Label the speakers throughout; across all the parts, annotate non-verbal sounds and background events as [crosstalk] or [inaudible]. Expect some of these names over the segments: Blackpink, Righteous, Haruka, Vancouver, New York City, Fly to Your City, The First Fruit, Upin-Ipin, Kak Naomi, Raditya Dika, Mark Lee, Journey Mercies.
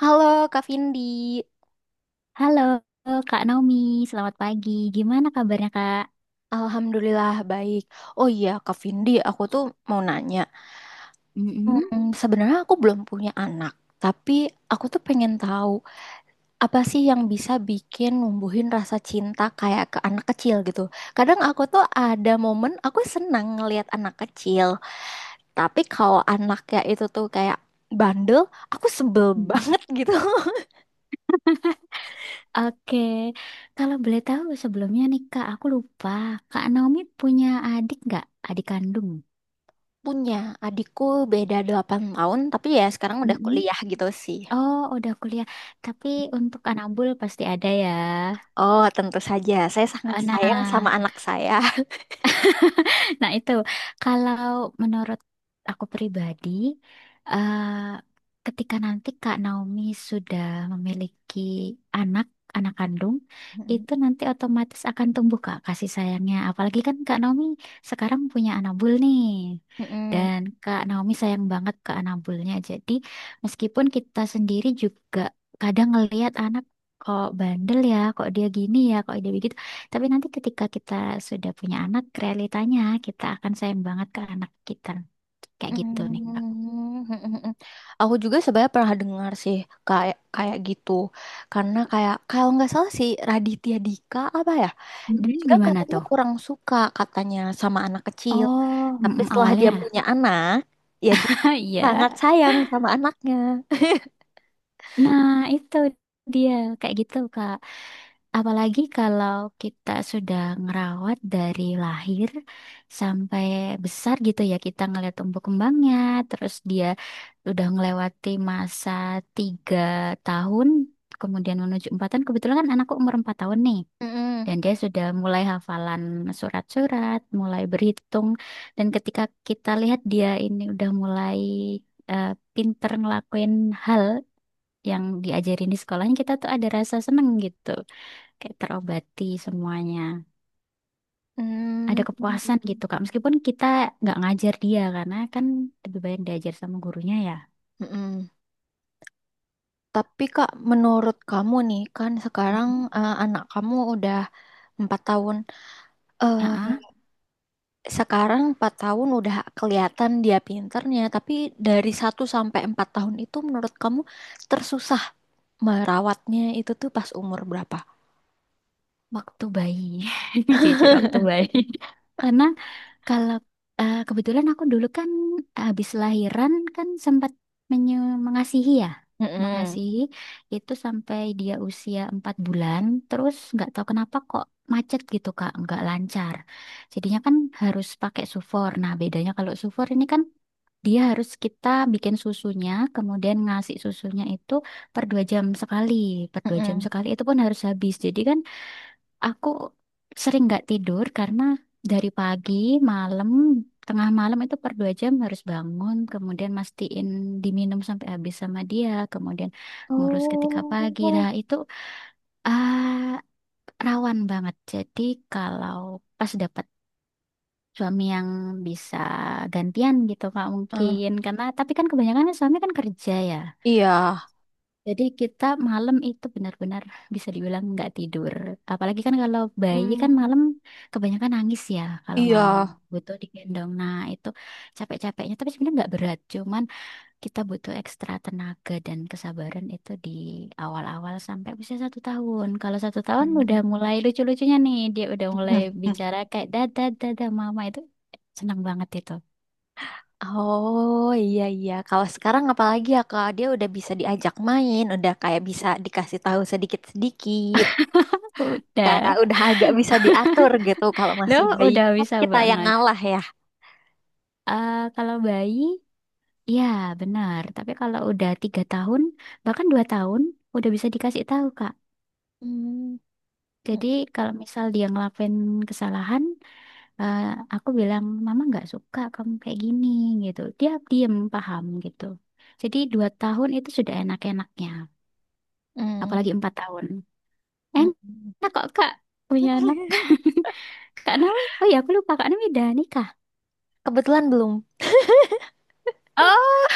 Speaker 1: Halo Kak Vindi,
Speaker 2: Halo Kak Naomi, selamat pagi. Gimana kabarnya Kak?
Speaker 1: Alhamdulillah baik. Oh iya Kak Vindi, aku tuh mau nanya.
Speaker 2: Mm-mm.
Speaker 1: Sebenarnya aku belum punya anak, tapi aku tuh pengen tahu apa sih yang bisa bikin numbuhin rasa cinta kayak ke anak kecil gitu. Kadang aku tuh ada momen aku senang ngelihat anak kecil, tapi kalau anaknya itu tuh kayak bandel, aku sebel
Speaker 2: [laughs]
Speaker 1: [laughs]
Speaker 2: Mm-mm.
Speaker 1: banget gitu.
Speaker 2: Oke, kalau boleh tahu sebelumnya nih Kak, aku lupa. Kak Naomi punya adik nggak? Adik kandung?
Speaker 1: Punya adikku beda 8 tahun, tapi ya sekarang udah
Speaker 2: Mm-mm.
Speaker 1: kuliah gitu sih.
Speaker 2: Oh, udah kuliah. Tapi untuk anak bul pasti ada ya.
Speaker 1: Oh, tentu saja. Saya sangat
Speaker 2: Eh,
Speaker 1: sayang sama
Speaker 2: Nah,
Speaker 1: anak saya.
Speaker 2: Nah, itu kalau menurut aku pribadi, eh, ketika nanti Kak Naomi sudah memiliki anak, anak kandung, itu nanti otomatis akan tumbuh Kak kasih sayangnya. Apalagi kan Kak Naomi sekarang punya anak bul nih.
Speaker 1: Mm-mm.
Speaker 2: Dan Kak Naomi sayang banget ke anak bulnya. Jadi, meskipun kita sendiri juga kadang ngelihat anak kok bandel ya, kok dia gini ya, kok dia begitu. Tapi nanti ketika kita sudah punya anak, realitanya kita akan sayang banget ke anak kita. Kayak gitu nih, Kak.
Speaker 1: Mm-mm. Mm-mm. Aku juga sebenarnya pernah dengar sih kayak kayak gitu. Karena kayak kalau nggak salah sih Raditya Dika apa ya? Dia
Speaker 2: Mm-mm,
Speaker 1: juga
Speaker 2: gimana
Speaker 1: katanya
Speaker 2: tuh?
Speaker 1: kurang suka katanya sama anak kecil.
Speaker 2: Oh,
Speaker 1: Tapi
Speaker 2: mm-mm,
Speaker 1: setelah dia
Speaker 2: awalnya.
Speaker 1: punya anak, ya dia
Speaker 2: [laughs] Iya.
Speaker 1: sangat sayang sama anaknya. [laughs]
Speaker 2: Nah, itu dia. Kayak gitu, Kak. Apalagi kalau kita sudah ngerawat dari lahir sampai besar gitu ya, kita ngeliat tumbuh kembangnya, terus dia udah ngelewati masa 3 tahun, kemudian menuju 4 tahun. Kebetulan kan anakku umur 4 tahun nih.
Speaker 1: Mm-mm.
Speaker 2: Dan dia sudah mulai hafalan surat-surat, mulai berhitung. Dan ketika kita lihat dia ini udah mulai eh, pinter ngelakuin hal yang diajarin di sekolahnya, kita tuh ada rasa seneng gitu. Kayak terobati semuanya. Ada
Speaker 1: Mm.
Speaker 2: kepuasan gitu, Kak. Meskipun kita nggak ngajar dia, karena kan lebih banyak diajar sama gurunya ya.
Speaker 1: Mm-mm. Tapi Kak, menurut kamu nih kan sekarang anak kamu udah 4 tahun. Eh,
Speaker 2: Ah,
Speaker 1: Sekarang 4 tahun udah kelihatan dia pinternya, tapi dari 1 sampai 4 tahun itu menurut kamu tersusah merawatnya itu tuh pas umur berapa?
Speaker 2: Waktu bayi. [laughs] Jujur waktu bayi. [laughs] Karena kalau kebetulan aku dulu kan habis lahiran kan sempat mengasihi ya,
Speaker 1: Mm-mm.
Speaker 2: mengasihi itu sampai dia usia 4 bulan, terus nggak tahu kenapa kok macet gitu Kak, nggak lancar. Jadinya kan harus pakai sufor. Nah, bedanya kalau sufor ini kan dia harus kita bikin susunya, kemudian ngasih susunya itu per 2 jam sekali, per 2 jam
Speaker 1: Mm-mm.
Speaker 2: sekali itu pun harus habis. Jadi kan aku sering nggak tidur karena dari pagi, malam, tengah malam itu per 2 jam harus bangun, kemudian mastiin diminum sampai habis sama dia, kemudian ngurus ketika pagi. Nah,
Speaker 1: Oh,
Speaker 2: itu ah, rawan banget. Jadi kalau pas dapat suami yang bisa gantian gitu Kak,
Speaker 1: Eh,
Speaker 2: mungkin karena tapi kan kebanyakan kan suami kan kerja ya.
Speaker 1: iya.
Speaker 2: Jadi kita malam itu benar-benar bisa dibilang nggak tidur. Apalagi kan kalau bayi kan
Speaker 1: Mm.
Speaker 2: malam kebanyakan nangis ya, kalau malam
Speaker 1: Iya.
Speaker 2: butuh digendong. Nah itu capek-capeknya tapi sebenarnya nggak berat. Cuman kita butuh ekstra tenaga dan kesabaran itu di awal-awal sampai usia 1 tahun. Kalau 1 tahun udah
Speaker 1: Mm.
Speaker 2: mulai lucu-lucunya nih, dia udah mulai bicara
Speaker 1: [laughs]
Speaker 2: kayak dada dada mama, itu senang banget itu.
Speaker 1: Oh iya iya. Kalau sekarang apalagi ya kalau dia udah bisa diajak main, udah kayak bisa dikasih tahu sedikit-sedikit. Kayak
Speaker 2: Udah,
Speaker 1: udah agak bisa diatur gitu, kalau
Speaker 2: lo
Speaker 1: masih bayi
Speaker 2: udah
Speaker 1: kan
Speaker 2: bisa
Speaker 1: kita yang
Speaker 2: banget.
Speaker 1: ngalah ya.
Speaker 2: Kalau bayi, iya, benar. Tapi kalau udah 3 tahun, bahkan 2 tahun, udah bisa dikasih tahu, Kak.
Speaker 1: Hmm.
Speaker 2: Jadi kalau misal dia ngelakuin kesalahan, eh, aku bilang, Mama nggak suka kamu kayak gini, gitu. Dia diem, paham, gitu. Jadi 2 tahun itu sudah enak-enaknya.
Speaker 1: Mm,
Speaker 2: Apalagi 4 tahun.
Speaker 1: mm, mm.
Speaker 2: Enak kok, Kak. Punya anak.
Speaker 1: [laughs]
Speaker 2: [laughs] Kak Naomi, oh ya aku lupa, Kak Naomi udah nikah.
Speaker 1: Kebetulan belum
Speaker 2: Oh,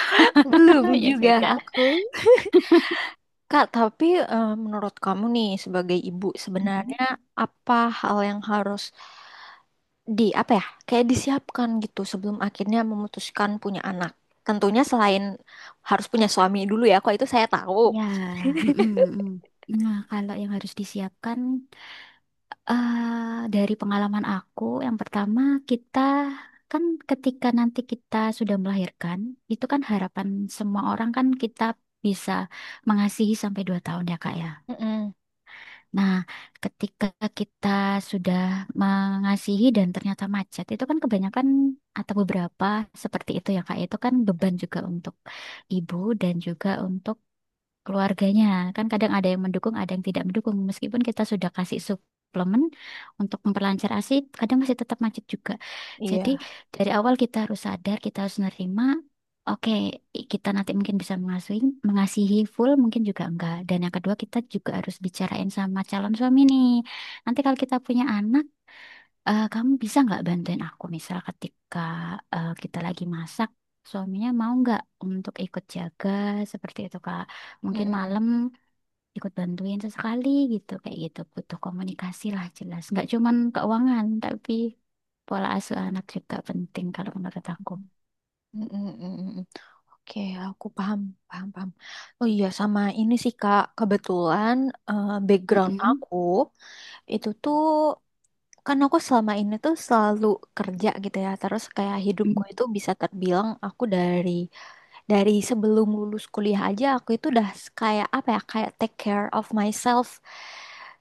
Speaker 2: [laughs]
Speaker 1: belum
Speaker 2: ya sudah.
Speaker 1: juga aku Kak, tapi menurut kamu nih sebagai ibu, sebenarnya apa hal yang harus di apa ya, kayak disiapkan gitu sebelum akhirnya memutuskan punya anak, tentunya selain harus punya suami dulu ya, kok itu saya tahu.
Speaker 2: Ya, mm, mm, mm. Nah, kalau yang harus disiapkan, dari pengalaman aku, yang pertama kita kan ketika nanti kita sudah melahirkan, itu kan harapan semua orang kan kita bisa mengasihi sampai 2 tahun ya Kak ya.
Speaker 1: Mm-mm.
Speaker 2: Nah, ketika kita sudah mengasihi dan ternyata macet, itu kan kebanyakan atau beberapa seperti itu ya Kak. Itu kan beban juga untuk ibu dan juga untuk keluarganya. Kan kadang ada yang mendukung, ada yang tidak mendukung. Meskipun kita sudah kasih suplemen untuk memperlancar ASI, kadang masih tetap macet juga. Jadi
Speaker 1: Iya.
Speaker 2: dari awal kita harus sadar, kita harus nerima. Oke, kita nanti mungkin bisa mengasuhi, mengasihi full, mungkin juga enggak. Dan yang kedua, kita juga harus bicarain sama calon suami nih. Nanti kalau kita punya anak, kamu bisa nggak bantuin aku misal ketika kita lagi masak, suaminya mau nggak untuk ikut jaga, seperti itu Kak. Mungkin
Speaker 1: Mm-mm.
Speaker 2: malam ikut bantuin sesekali gitu, kayak gitu. Butuh komunikasi lah, jelas. Nggak cuman keuangan tapi pola asuh anak juga penting kalau menurut aku.
Speaker 1: Mm-mm, mm-mm. Oke, aku paham, paham, paham. Oh iya, sama ini sih Kak, kebetulan background
Speaker 2: Mm-mm.
Speaker 1: aku itu tuh, kan aku selama ini tuh selalu kerja gitu ya. Terus kayak hidupku
Speaker 2: Mm.
Speaker 1: itu bisa terbilang aku dari sebelum lulus kuliah aja aku itu udah kayak apa ya, kayak take care of myself.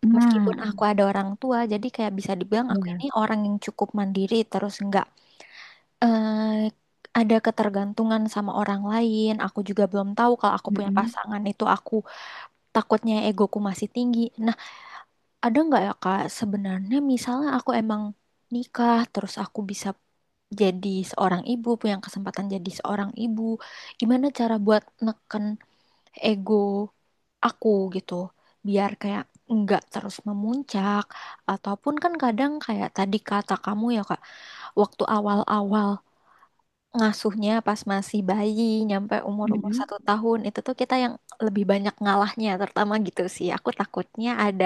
Speaker 2: Nah,
Speaker 1: Meskipun aku ada orang tua, jadi kayak bisa dibilang aku ini
Speaker 2: ya.
Speaker 1: orang yang cukup mandiri, terus nggak eh ada ketergantungan sama orang lain. Aku juga belum tahu kalau aku punya
Speaker 2: Mm-mm.
Speaker 1: pasangan itu, aku takutnya egoku masih tinggi. Nah, ada nggak ya Kak, sebenarnya misalnya aku emang nikah terus aku bisa jadi seorang ibu, punya kesempatan jadi seorang ibu. Gimana cara buat neken ego aku gitu biar kayak nggak terus memuncak, ataupun kan kadang kayak tadi kata kamu ya Kak, waktu awal-awal ngasuhnya pas masih bayi nyampe umur-umur
Speaker 2: Mm-mm.
Speaker 1: 1 tahun itu tuh kita yang lebih banyak ngalahnya, terutama gitu sih aku takutnya ada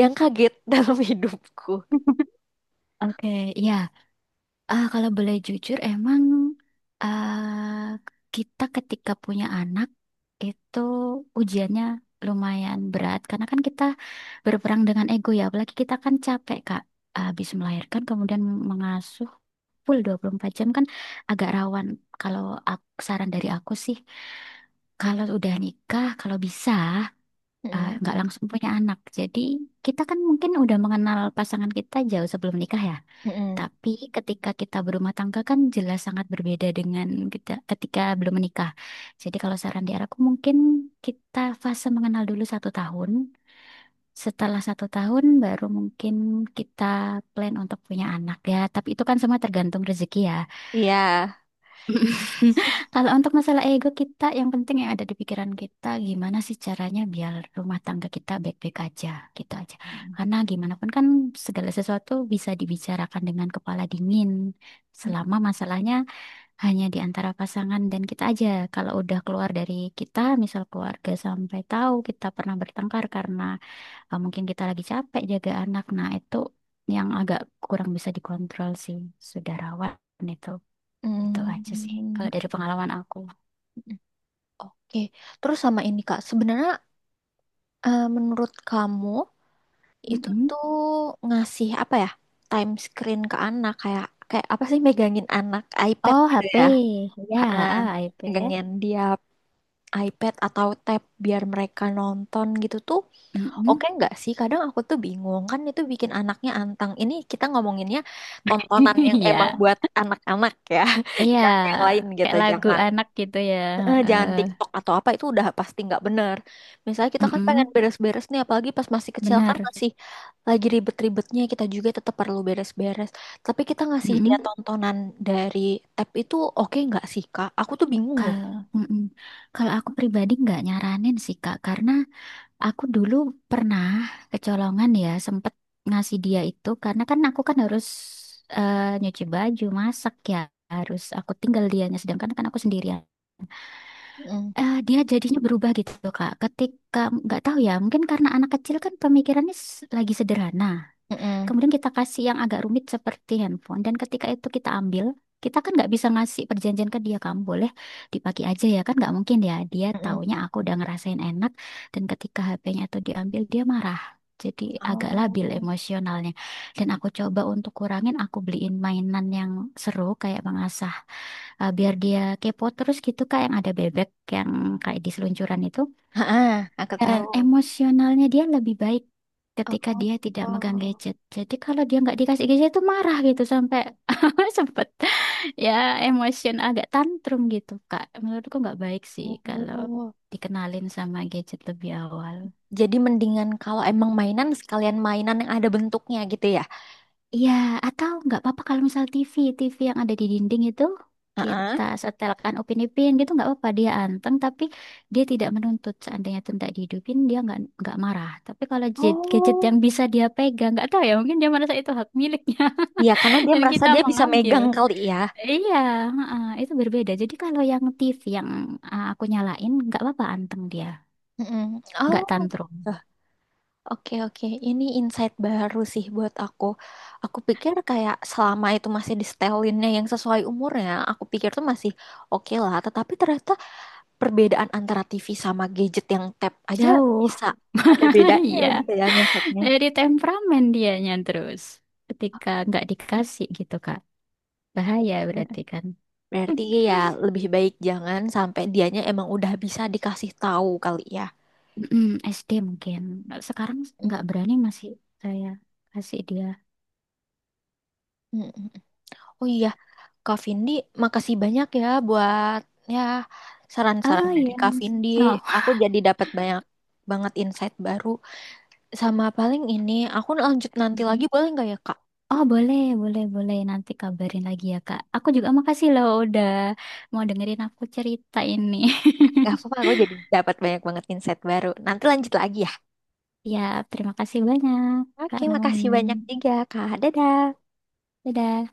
Speaker 1: yang kaget [laughs] dalam hidupku.
Speaker 2: [laughs] Oke, ya. Kalau boleh jujur, emang ah, kita ketika punya anak itu ujiannya lumayan berat karena kan kita berperang dengan ego ya, apalagi kita kan capek Kak. Habis melahirkan kemudian mengasuh full 24 jam kan agak rawan. Kalau saran dari aku sih, kalau udah nikah, kalau bisa
Speaker 1: Mm-mm.
Speaker 2: nggak langsung punya anak. Jadi kita kan mungkin udah mengenal pasangan kita jauh sebelum nikah ya.
Speaker 1: Mm-mm.
Speaker 2: Tapi ketika kita berumah tangga kan jelas sangat berbeda dengan kita ketika belum menikah. Jadi kalau saran di aku mungkin kita fase mengenal dulu 1 tahun. Setelah 1 tahun baru mungkin kita plan untuk punya anak ya. Tapi itu kan semua tergantung rezeki ya.
Speaker 1: Iya.
Speaker 2: [laughs] Kalau untuk masalah ego kita, yang penting yang ada di pikiran kita, gimana sih caranya biar rumah tangga kita baik-baik aja, gitu aja.
Speaker 1: Mm.
Speaker 2: Karena gimana pun kan segala sesuatu bisa dibicarakan dengan kepala dingin, selama masalahnya hanya di antara pasangan dan kita aja. Kalau udah keluar dari kita, misal keluarga sampai tahu kita pernah bertengkar karena mungkin kita lagi capek jaga anak, nah itu yang agak kurang bisa dikontrol sih, saudarawan itu. Itu aja sih.
Speaker 1: Mm.
Speaker 2: Kalau dari pengalaman aku.
Speaker 1: Oke, terus sama ini Kak, sebenarnya menurut kamu itu
Speaker 2: Mm-mm.
Speaker 1: tuh ngasih apa ya? Time screen ke anak kayak kayak apa sih, megangin anak iPad
Speaker 2: Oh,
Speaker 1: gitu
Speaker 2: HP.
Speaker 1: ya? Ha,
Speaker 2: Ya, iPad.
Speaker 1: megangin dia iPad atau tab biar mereka nonton gitu tuh oke
Speaker 2: Mm-mm.
Speaker 1: nggak sih? Kadang aku tuh bingung, kan itu bikin anaknya antang. Ini kita ngomonginnya tontonan
Speaker 2: [laughs]
Speaker 1: yang emang
Speaker 2: Iya.
Speaker 1: buat anak-anak ya, [laughs]
Speaker 2: Iya.
Speaker 1: jangan yang lain gitu,
Speaker 2: Kayak lagu
Speaker 1: jangan
Speaker 2: anak gitu ya.
Speaker 1: eh, jangan
Speaker 2: Eh,
Speaker 1: TikTok atau apa, itu udah pasti nggak bener. Misalnya kita kan pengen
Speaker 2: mm-mm.
Speaker 1: beres-beres nih, apalagi pas masih kecil kan
Speaker 2: Benar.
Speaker 1: masih lagi ribet-ribetnya, kita juga tetap perlu beres-beres. Tapi kita ngasih dia
Speaker 2: Mm-mm.
Speaker 1: tontonan dari tab itu oke nggak sih Kak? Aku tuh bingung loh.
Speaker 2: Kalau mm-mm. Kalau aku pribadi nggak nyaranin sih Kak, karena aku dulu pernah kecolongan ya, sempet ngasih dia itu karena kan aku kan harus nyuci baju, masak ya, harus aku tinggal dianya sedangkan kan aku sendirian.
Speaker 1: Mm,
Speaker 2: Dia jadinya berubah gitu Kak. Ketika nggak tahu ya, mungkin karena anak kecil kan pemikirannya lagi sederhana.
Speaker 1: mm, mm,
Speaker 2: Kemudian kita kasih yang agak rumit seperti handphone. Dan ketika itu kita ambil, kita kan nggak bisa ngasih perjanjian ke dia. Kamu boleh dipakai aja ya kan? Nggak mungkin ya. Dia
Speaker 1: mm.
Speaker 2: taunya aku udah ngerasain enak. Dan ketika HP-nya itu diambil, dia marah. Jadi agak
Speaker 1: Oh,
Speaker 2: labil emosionalnya. Dan aku coba untuk kurangin, aku beliin mainan yang seru kayak mengasah. Biar dia kepo terus gitu Kak, yang ada bebek yang kayak di seluncuran itu.
Speaker 1: ah aku
Speaker 2: Dan
Speaker 1: tahu.
Speaker 2: emosionalnya dia lebih baik ketika
Speaker 1: Oh,
Speaker 2: dia tidak megang
Speaker 1: oh.
Speaker 2: gadget. Jadi kalau dia nggak dikasih gadget itu marah gitu sampai [laughs] sempet ya, emosion agak tantrum gitu Kak. Menurutku nggak baik sih kalau dikenalin sama gadget lebih awal.
Speaker 1: Jadi mendingan kalau emang mainan, sekalian mainan yang ada bentuknya gitu ya.
Speaker 2: Iya, atau nggak apa-apa kalau misal TV, TV yang ada di dinding itu
Speaker 1: Heeh.
Speaker 2: kita setelkan Upin-Ipin, gitu nggak apa-apa dia anteng, tapi dia tidak menuntut seandainya itu tidak dihidupin dia nggak marah. Tapi kalau gadget yang
Speaker 1: Oh,
Speaker 2: bisa dia pegang, nggak tahu ya, mungkin dia merasa itu hak miliknya
Speaker 1: ya karena
Speaker 2: [laughs]
Speaker 1: dia
Speaker 2: dan
Speaker 1: merasa
Speaker 2: kita
Speaker 1: dia
Speaker 2: mau
Speaker 1: bisa
Speaker 2: ngambil.
Speaker 1: megang kali ya.
Speaker 2: Iya, heeh, itu berbeda. Jadi kalau yang TV yang aku nyalain nggak apa-apa anteng dia,
Speaker 1: Mm-mm.
Speaker 2: nggak
Speaker 1: Oh,
Speaker 2: tantrum.
Speaker 1: eh, oke, oke. Ini insight baru sih buat aku. Aku pikir kayak selama itu masih di setelinnya yang sesuai umurnya, aku pikir tuh masih oke lah. Tetapi ternyata perbedaan antara TV sama gadget yang tap aja
Speaker 2: Jauh.
Speaker 1: bisa ada
Speaker 2: [laughs]
Speaker 1: bedanya
Speaker 2: Iya,
Speaker 1: gitu ya ngefeknya.
Speaker 2: jadi temperamen dianya terus ketika nggak dikasih gitu kan. Bahaya berarti kan.
Speaker 1: Berarti
Speaker 2: [clears throat]
Speaker 1: ya lebih baik jangan sampai, dianya emang udah bisa dikasih tahu kali ya.
Speaker 2: Mm, SD mungkin. Sekarang
Speaker 1: Mm,
Speaker 2: nggak berani masih saya kasih dia.
Speaker 1: mm, mm. Oh iya, Kak Vindi, makasih banyak ya buat ya, saran-saran
Speaker 2: Oh
Speaker 1: dari
Speaker 2: iya.
Speaker 1: Kak Vindi.
Speaker 2: Oh.
Speaker 1: Aku jadi dapat banyak banget insight baru. Sama paling ini, aku lanjut nanti lagi
Speaker 2: Mhm.
Speaker 1: boleh nggak ya Kak?
Speaker 2: Oh boleh, boleh, boleh. Nanti kabarin lagi ya Kak. Aku juga makasih loh udah mau dengerin aku cerita ini.
Speaker 1: Gak apa-apa,
Speaker 2: [laughs]
Speaker 1: aku jadi dapat banyak banget insight baru. Nanti lanjut lagi ya.
Speaker 2: Ya, terima kasih banyak Kak
Speaker 1: Oke,
Speaker 2: Naomi.
Speaker 1: makasih banyak juga, Kak. Dadah.
Speaker 2: Dadah.